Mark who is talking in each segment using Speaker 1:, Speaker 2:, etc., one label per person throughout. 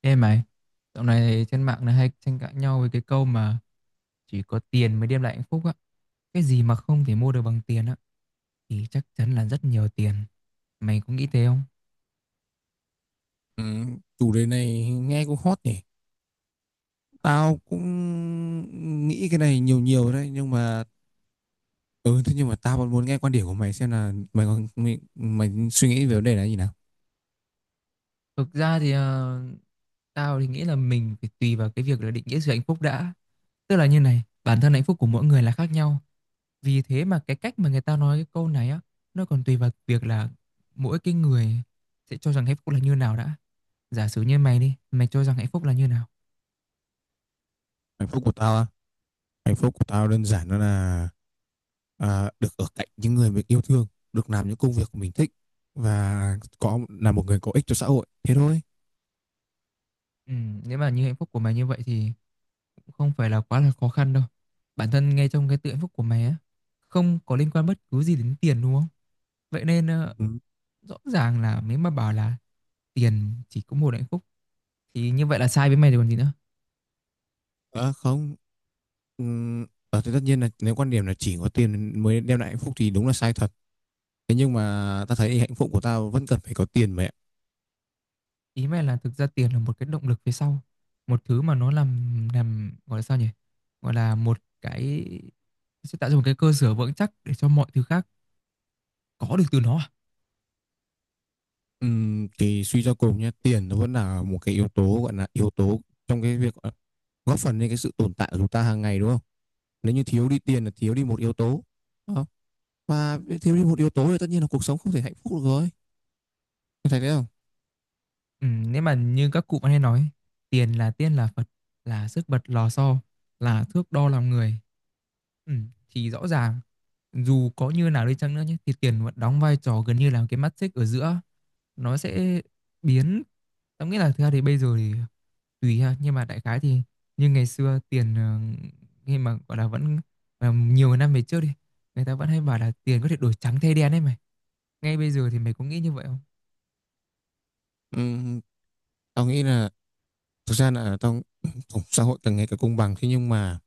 Speaker 1: Ê mày, dạo này trên mạng này hay tranh cãi nhau với cái câu mà chỉ có tiền mới đem lại hạnh phúc á. Cái gì mà không thể mua được bằng tiền á, thì chắc chắn là rất nhiều tiền. Mày có nghĩ thế không?
Speaker 2: Ừ, chủ đề này nghe cũng hot nhỉ. Tao cũng nghĩ cái này nhiều nhiều đấy nhưng mà ừ thế nhưng mà tao vẫn muốn nghe quan điểm của mày xem là mày suy nghĩ về vấn đề này như nào.
Speaker 1: Thực ra thì tao thì nghĩ là mình phải tùy vào cái việc là định nghĩa sự hạnh phúc đã. Tức là như này, bản thân hạnh phúc của mỗi người là khác nhau. Vì thế mà cái cách mà người ta nói cái câu này á, nó còn tùy vào việc là mỗi cái người sẽ cho rằng hạnh phúc là như nào đã. Giả sử như mày đi, mày cho rằng hạnh phúc là như nào?
Speaker 2: Hạnh phúc của tao á, hạnh phúc của tao đơn giản đó là được ở cạnh những người mình yêu thương, được làm những công việc của mình thích và có là một người có ích cho xã hội. Thế thôi.
Speaker 1: Nếu mà như hạnh phúc của mày như vậy thì cũng không phải là quá là khó khăn đâu. Bản thân ngay trong cái tự hạnh phúc của mày á, không có liên quan bất cứ gì đến tiền đúng không? Vậy nên
Speaker 2: Ừ.
Speaker 1: rõ ràng là nếu mà bảo là tiền chỉ có một hạnh phúc thì như vậy là sai với mày rồi còn gì nữa.
Speaker 2: Ờ, không Ừ, ờ, thì tất nhiên là nếu quan điểm là chỉ có tiền mới đem lại hạnh phúc thì đúng là sai thật. Thế nhưng mà ta thấy hạnh phúc của tao vẫn cần phải có tiền mẹ.
Speaker 1: Ý mày là thực ra tiền là một cái động lực phía sau, một thứ mà nó làm gọi là sao nhỉ? Gọi là một cái sẽ tạo ra một cái cơ sở vững chắc để cho mọi thứ khác có được từ nó à?
Speaker 2: Thì suy cho cùng nhé, tiền nó vẫn là một cái yếu tố gọi là yếu tố trong cái việc góp phần lên cái sự tồn tại của chúng ta hàng ngày đúng không? Nếu như thiếu đi tiền là thiếu đi một yếu tố. Đúng không? Và thiếu đi một yếu tố thì tất nhiên là cuộc sống không thể hạnh phúc được rồi. Mày thấy thế không?
Speaker 1: Ừ, nếu mà như các cụ vẫn hay nói tiền là tiên là Phật, là sức bật lò xo, là thước đo lòng người, ừ, thì rõ ràng dù có như nào đi chăng nữa nhé thì tiền vẫn đóng vai trò gần như là cái mắt xích ở giữa, nó sẽ biến, tao nghĩ là thực ra thì bây giờ thì tùy ha, nhưng mà đại khái thì như ngày xưa tiền khi mà gọi là vẫn, nhiều năm về trước đi, người ta vẫn hay bảo là tiền có thể đổi trắng thay đen ấy mày. Ngay bây giờ thì mày có nghĩ như vậy không?
Speaker 2: Ừm, tao nghĩ là thực ra là tao xã hội càng ngày càng công bằng, thế nhưng mà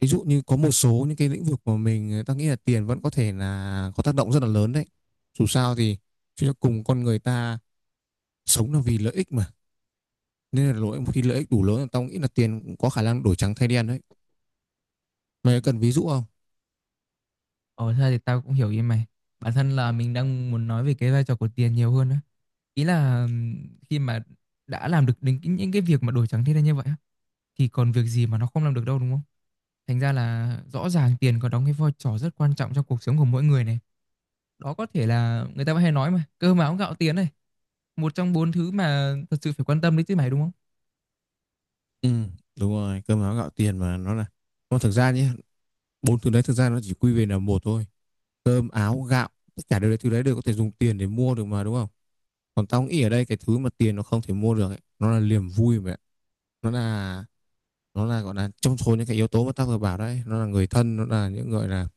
Speaker 2: ví dụ như có một số những cái lĩnh vực mà ta nghĩ là tiền vẫn có thể là có tác động rất là lớn đấy. Dù sao thì chúng ta cùng con người ta sống là vì lợi ích mà, nên là lỗi khi lợi ích đủ lớn là tao nghĩ là tiền cũng có khả năng đổi trắng thay đen đấy.
Speaker 1: Ừ.
Speaker 2: Mày cần ví dụ không?
Speaker 1: Ồ, thật ra thì tao cũng hiểu ý mày. Bản thân là mình đang muốn nói về cái vai trò của tiền nhiều hơn á. Ý là khi mà đã làm được đến những cái việc mà đổi trắng thay đen như vậy á, thì còn việc gì mà nó không làm được đâu đúng không? Thành ra là rõ ràng tiền có đóng cái vai trò rất quan trọng trong cuộc sống của mỗi người này. Đó có thể là người ta vẫn hay nói mà, cơm áo gạo tiền này, một trong bốn thứ mà thật sự phải quan tâm đấy chứ mày đúng không?
Speaker 2: Ừ, đúng rồi, cơm áo gạo tiền mà nó là. Nó thực ra nhé, bốn thứ đấy thực ra nó chỉ quy về là một thôi, cơm áo gạo, tất cả đều thứ đấy đều có thể dùng tiền để mua được mà đúng không? Còn tao nghĩ ở đây cái thứ mà tiền nó không thể mua được ấy, nó là niềm vui mà, nó là nó là gọi là trong số những cái yếu tố mà ta vừa bảo đấy, nó là người thân, nó là những gọi là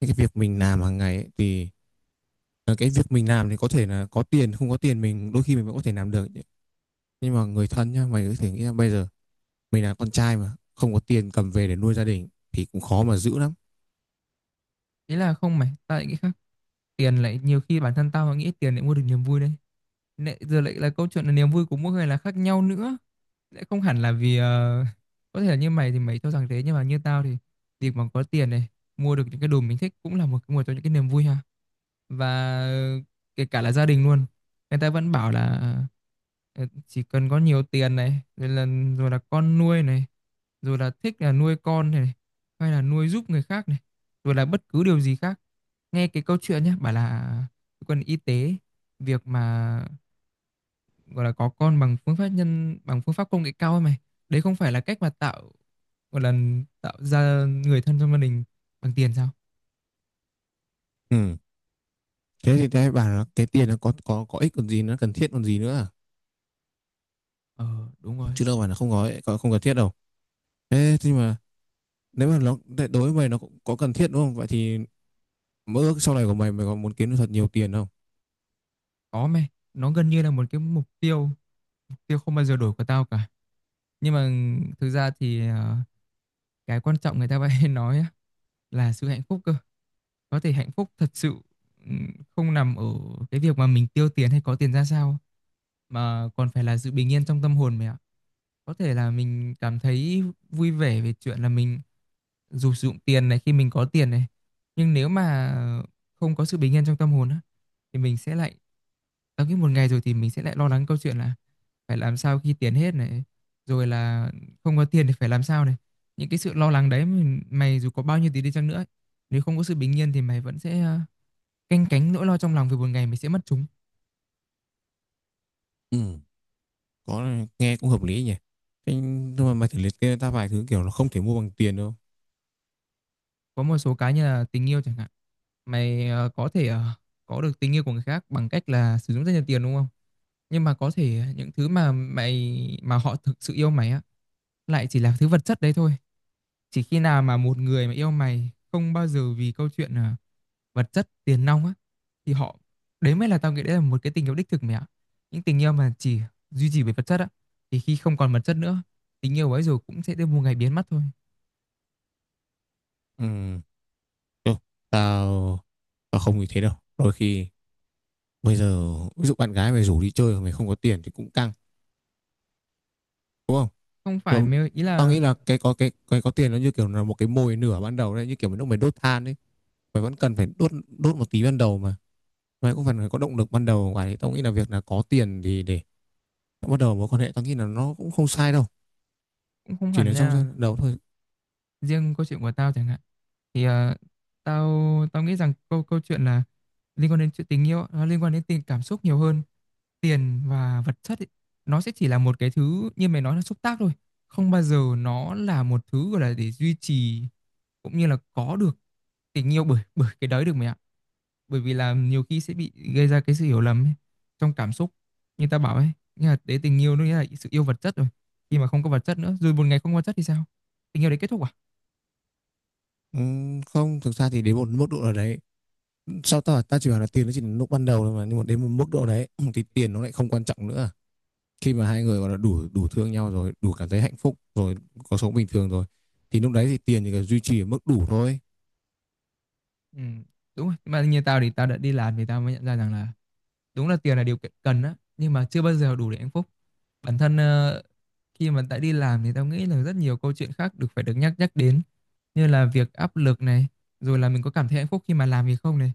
Speaker 2: những cái việc mình làm hàng ngày ấy, thì cái việc mình làm thì có thể là có tiền không có tiền mình đôi khi mình vẫn có thể làm được, nhưng mà người thân nhá, mày có thể nghĩ là bây giờ mình là con trai mà không có tiền cầm về để nuôi gia đình thì cũng khó mà giữ lắm.
Speaker 1: Ý là không mày, tao lại nghĩ khác. Tiền lại nhiều khi bản thân tao nghĩ tiền lại mua được niềm vui đấy. Nãy giờ lại là câu chuyện là niềm vui của mỗi người là khác nhau nữa. Sẽ không hẳn là vì có thể là như mày thì mày cho rằng thế, nhưng mà như tao thì việc mà có tiền này, mua được những cái đồ mình thích cũng là một cái nguồn cho những cái niềm vui ha. Và kể cả là gia đình luôn, người ta vẫn bảo là ờ, chỉ cần có nhiều tiền này rồi là, rồi là con nuôi này, rồi là thích là nuôi con này, hay là nuôi giúp người khác này, rồi là bất cứ điều gì khác. Nghe cái câu chuyện nhé, bảo là cơ quan y tế, việc mà gọi là có con bằng phương pháp nhân bằng phương pháp công nghệ cao ấy mày, đấy không phải là cách mà tạo, gọi là tạo ra người thân trong gia đình bằng tiền sao?
Speaker 2: Ừ. Thế thì cái bảo là cái tiền nó có ích còn gì, nó cần thiết còn gì nữa à?
Speaker 1: Ờ, đúng rồi.
Speaker 2: Chứ đâu phải là không không cần thiết đâu. Thế nhưng mà nếu mà nó đối với mày nó cũng có cần thiết đúng không, vậy thì mơ ước sau này của mày mày có muốn kiếm được thật nhiều tiền không?
Speaker 1: Có mày, nó gần như là một cái mục tiêu, mục tiêu không bao giờ đổi của tao cả. Nhưng mà thực ra thì cái quan trọng người ta vẫn hay nói á, là sự hạnh phúc cơ. Có thể hạnh phúc thật sự, ừm, không nằm ở cái việc mà mình tiêu tiền hay có tiền ra sao, mà còn phải là sự bình yên trong tâm hồn mày ạ. Có thể là mình cảm thấy vui vẻ về chuyện là mình dù sử dụng tiền này, khi mình có tiền này, nhưng nếu mà không có sự bình yên trong tâm hồn á, thì mình sẽ lại tới cái một ngày rồi thì mình sẽ lại lo lắng câu chuyện là phải làm sao khi tiền hết này, rồi là không có tiền thì phải làm sao này. Những cái sự lo lắng đấy mình, mày dù có bao nhiêu tiền đi chăng nữa ấy, nếu không có sự bình yên thì mày vẫn sẽ canh cánh nỗi lo trong lòng về một ngày mình sẽ mất chúng.
Speaker 2: Ừ. Có, nghe cũng hợp lý nhỉ. Thế nhưng mà mày thử liệt kê ta vài thứ kiểu nó không thể mua bằng tiền đâu.
Speaker 1: Có một số cái như là tình yêu chẳng hạn. Mày có thể có được tình yêu của người khác bằng cách là sử dụng rất nhiều tiền đúng không? Nhưng mà có thể những thứ mà mày mà họ thực sự yêu mày á, lại chỉ là thứ vật chất đấy thôi. Chỉ khi nào mà một người mà yêu mày không bao giờ vì câu chuyện vật chất tiền nong á, thì họ, đấy mới là tao nghĩ đấy là một cái tình yêu đích thực mẹ ạ. Những tình yêu mà chỉ duy trì về vật chất á, thì khi không còn vật chất nữa, tình yêu ấy rồi cũng sẽ tới một ngày biến mất thôi.
Speaker 2: Ừ, thôi, tao tao không như thế đâu, đôi khi bây giờ ví dụ bạn gái mày rủ đi chơi mà mày không có tiền thì cũng căng, đúng không?
Speaker 1: Không phải
Speaker 2: Rồi,
Speaker 1: mày, ý
Speaker 2: tao
Speaker 1: là
Speaker 2: nghĩ là cái có cái có tiền nó như kiểu là một cái mồi nửa ban đầu đấy, như kiểu mình lúc mày đốt than đấy, mày vẫn cần phải đốt đốt một tí ban đầu mà, mày cũng phải có động lực ban đầu ngoài đấy. Tao nghĩ là việc là có tiền thì để bắt đầu mối quan hệ tao nghĩ là nó cũng không sai đâu,
Speaker 1: cũng không
Speaker 2: chỉ
Speaker 1: hẳn
Speaker 2: là trong
Speaker 1: nha.
Speaker 2: đầu thôi.
Speaker 1: Riêng câu chuyện của tao chẳng hạn, thì tao tao nghĩ rằng câu câu chuyện là liên quan đến chuyện tình yêu, nó liên quan đến tình cảm xúc nhiều hơn. Tiền và vật chất ấy, nó sẽ chỉ là một cái thứ như mày nói là xúc tác thôi, không bao giờ nó là một thứ gọi là để duy trì cũng như là có được tình yêu bởi bởi cái đấy được mày ạ. Bởi vì là nhiều khi sẽ bị gây ra cái sự hiểu lầm ấy, trong cảm xúc, như tao bảo ấy, nghĩa là đấy tình yêu nó nghĩa là sự yêu vật chất rồi. Khi mà không có vật chất nữa, rồi một ngày không có vật chất thì sao, tình yêu đấy kết thúc à?
Speaker 2: Không thực ra thì đến một mức độ nào đấy, sao ta ta chỉ bảo là tiền nó chỉ là lúc ban đầu thôi mà, nhưng mà đến một mức độ đấy thì tiền nó lại không quan trọng nữa. Khi mà hai người gọi là đủ đủ thương nhau rồi, đủ cảm thấy hạnh phúc rồi, có sống bình thường rồi, thì lúc đấy thì tiền chỉ cần duy trì ở mức đủ thôi.
Speaker 1: Ừ, đúng rồi. Mà như tao thì tao đã đi làm thì tao mới nhận ra rằng là đúng là tiền là điều kiện cần á, nhưng mà chưa bao giờ đủ để hạnh phúc. Bản thân khi mà đã đi làm thì tao nghĩ là rất nhiều câu chuyện khác được phải được nhắc nhắc đến, như là việc áp lực này, rồi là mình có cảm thấy hạnh phúc khi mà làm gì không này,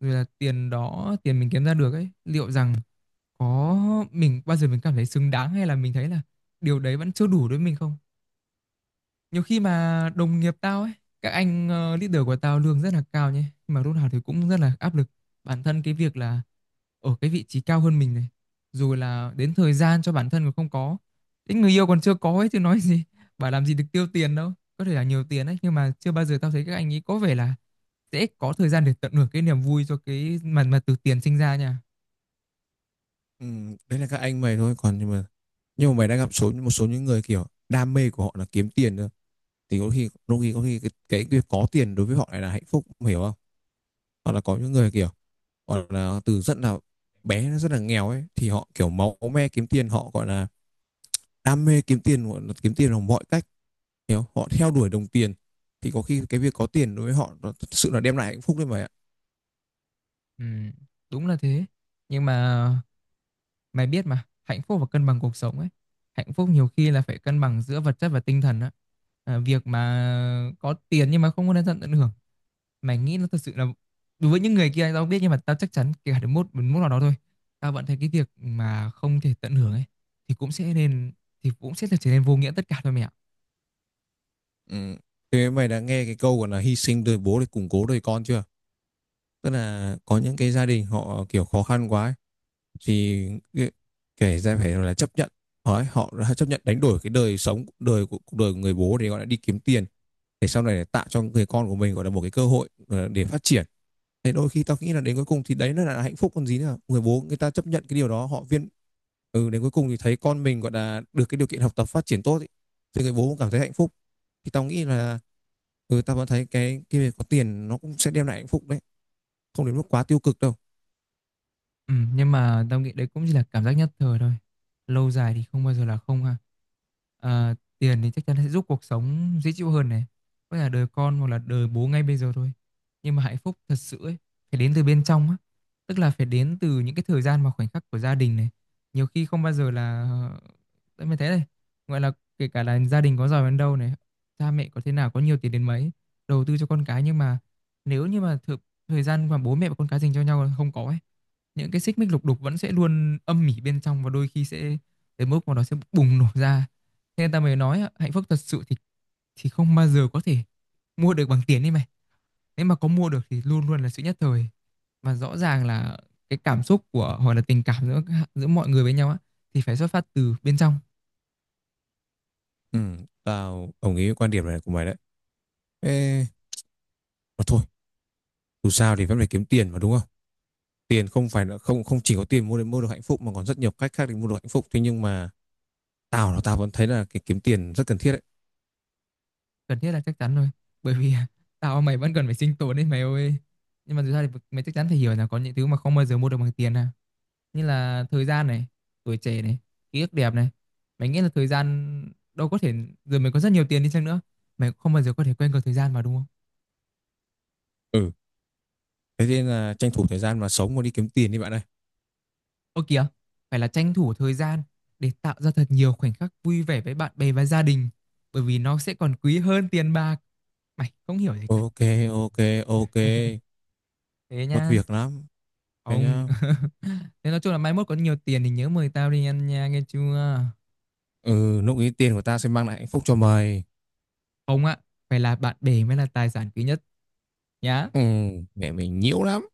Speaker 1: rồi là tiền mình kiếm ra được ấy, liệu rằng có mình bao giờ mình cảm thấy xứng đáng hay là mình thấy là điều đấy vẫn chưa đủ đối với mình không? Nhiều khi mà đồng nghiệp tao ấy, các anh leader của tao lương rất là cao nhé, nhưng mà lúc nào thì cũng rất là áp lực. Bản thân cái việc là ở cái vị trí cao hơn mình này, rồi là đến thời gian cho bản thân còn không có, đến người yêu còn chưa có ấy chứ nói gì bảo làm gì được tiêu tiền đâu. Có thể là nhiều tiền đấy, nhưng mà chưa bao giờ tao thấy các anh ấy có vẻ là sẽ có thời gian để tận hưởng cái niềm vui cho cái mà từ tiền sinh ra nha.
Speaker 2: Đấy là các anh mày thôi, còn nhưng mà mày đã gặp số một số những người kiểu đam mê của họ là kiếm tiền thôi, thì có khi việc có tiền đối với họ lại là hạnh phúc, mày hiểu không? Hoặc là có những người kiểu gọi là từ rất là bé, rất là nghèo ấy, thì họ kiểu máu me kiếm tiền, họ gọi là đam mê kiếm tiền, gọi là kiếm tiền bằng mọi cách, hiểu họ theo đuổi đồng tiền, thì có khi cái việc có tiền đối với họ nó thật sự là đem lại hạnh phúc đấy mày ạ.
Speaker 1: Ừ, đúng là thế, nhưng mà mày biết mà, hạnh phúc và cân bằng cuộc sống ấy. Hạnh phúc nhiều khi là phải cân bằng giữa vật chất và tinh thần á. À, việc mà có tiền nhưng mà không có đến tận tận hưởng. Mày nghĩ nó thật sự là, đối với những người kia tao không biết, nhưng mà tao chắc chắn kể cả đến một nào đó thôi. Tao vẫn thấy cái việc mà không thể tận hưởng ấy, thì cũng sẽ nên thì cũng sẽ là trở nên vô nghĩa tất cả thôi mẹ ạ.
Speaker 2: Ừ. Thế mày đã nghe cái câu gọi là hy sinh đời bố để củng cố đời con chưa? Tức là có những cái gia đình họ kiểu khó khăn quá ấy, thì kể ra phải là chấp nhận. Đấy, họ đã chấp nhận đánh đổi cái đời sống đời của cuộc đời của người bố để gọi là đi kiếm tiền, để sau này để tạo cho người con của mình gọi là một cái cơ hội để phát triển. Thế đôi khi tao nghĩ là đến cuối cùng thì đấy nó là hạnh phúc còn gì nữa, người bố người ta chấp nhận cái điều đó họ viên. Ừ, đến cuối cùng thì thấy con mình gọi là được cái điều kiện học tập phát triển tốt ý, thì người bố cũng cảm thấy hạnh phúc. Thì tao nghĩ là, ừ tao vẫn thấy cái việc có tiền nó cũng sẽ đem lại hạnh phúc đấy, không đến mức quá tiêu cực đâu.
Speaker 1: Ừ, nhưng mà tao nghĩ đấy cũng chỉ là cảm giác nhất thời thôi. Lâu dài thì không bao giờ là không ha. À, tiền thì chắc chắn sẽ giúp cuộc sống dễ chịu hơn này. Có thể là đời con hoặc là đời bố ngay bây giờ thôi. Nhưng mà hạnh phúc thật sự ấy, phải đến từ bên trong á. Tức là phải đến từ những cái thời gian và khoảnh khắc của gia đình này. Nhiều khi không bao giờ là... Tại mới thế này. Gọi là kể cả là gia đình có giàu đến đâu này, cha mẹ có thế nào, có nhiều tiền đến mấy, đầu tư cho con cái, nhưng mà nếu như mà thời gian mà bố mẹ và con cái dành cho nhau là không có ấy, những cái xích mích lục đục vẫn sẽ luôn âm mỉ bên trong, và đôi khi sẽ tới mức mà nó sẽ bùng nổ ra. Thế nên ta mới nói hạnh phúc thật sự thì không bao giờ có thể mua được bằng tiền đi mày. Nếu mà có mua được thì luôn luôn là sự nhất thời. Và rõ ràng là cái cảm xúc của hoặc là tình cảm giữa giữa mọi người với nhau á, thì phải xuất phát từ bên trong.
Speaker 2: Ừ, tao đồng ý với quan điểm này của mày đấy. Ê, mà thôi, dù sao thì vẫn phải kiếm tiền mà đúng không? Tiền không phải là không không chỉ có tiền để mua được hạnh phúc mà còn rất nhiều cách khác để mua được hạnh phúc. Thế nhưng mà tao vẫn thấy là cái kiếm tiền rất cần thiết đấy.
Speaker 1: Cần thiết là chắc chắn rồi, bởi vì tao mày vẫn cần phải sinh tồn đấy mày ơi. Nhưng mà thực ra thì mày chắc chắn phải hiểu là có những thứ mà không bao giờ mua được bằng tiền à, như là thời gian này, tuổi trẻ này, ký ức đẹp này. Mày nghĩ là thời gian đâu có thể, rồi mày có rất nhiều tiền đi chăng nữa, mày không bao giờ có thể quên được thời gian mà đúng không?
Speaker 2: Ừ, thế nên là tranh thủ thời gian mà sống mà đi kiếm tiền đi bạn ơi.
Speaker 1: Ô kìa, phải là tranh thủ thời gian để tạo ra thật nhiều khoảnh khắc vui vẻ với bạn bè và gia đình, bởi vì nó sẽ còn quý hơn tiền bạc. Mày không hiểu gì cả.
Speaker 2: Ok, ok, ok.
Speaker 1: Thế
Speaker 2: Mất
Speaker 1: nha.
Speaker 2: việc lắm. Thế
Speaker 1: Ông
Speaker 2: nhá.
Speaker 1: thế nói chung là mai mốt có nhiều tiền thì nhớ mời tao đi ăn nha nghe chưa.
Speaker 2: Ừ, lúc ý tiền của ta sẽ mang lại hạnh phúc cho mày.
Speaker 1: Ông ạ, phải là bạn bè mới là tài sản quý nhất nhá.
Speaker 2: Ừ, mẹ mình nhiễu lắm.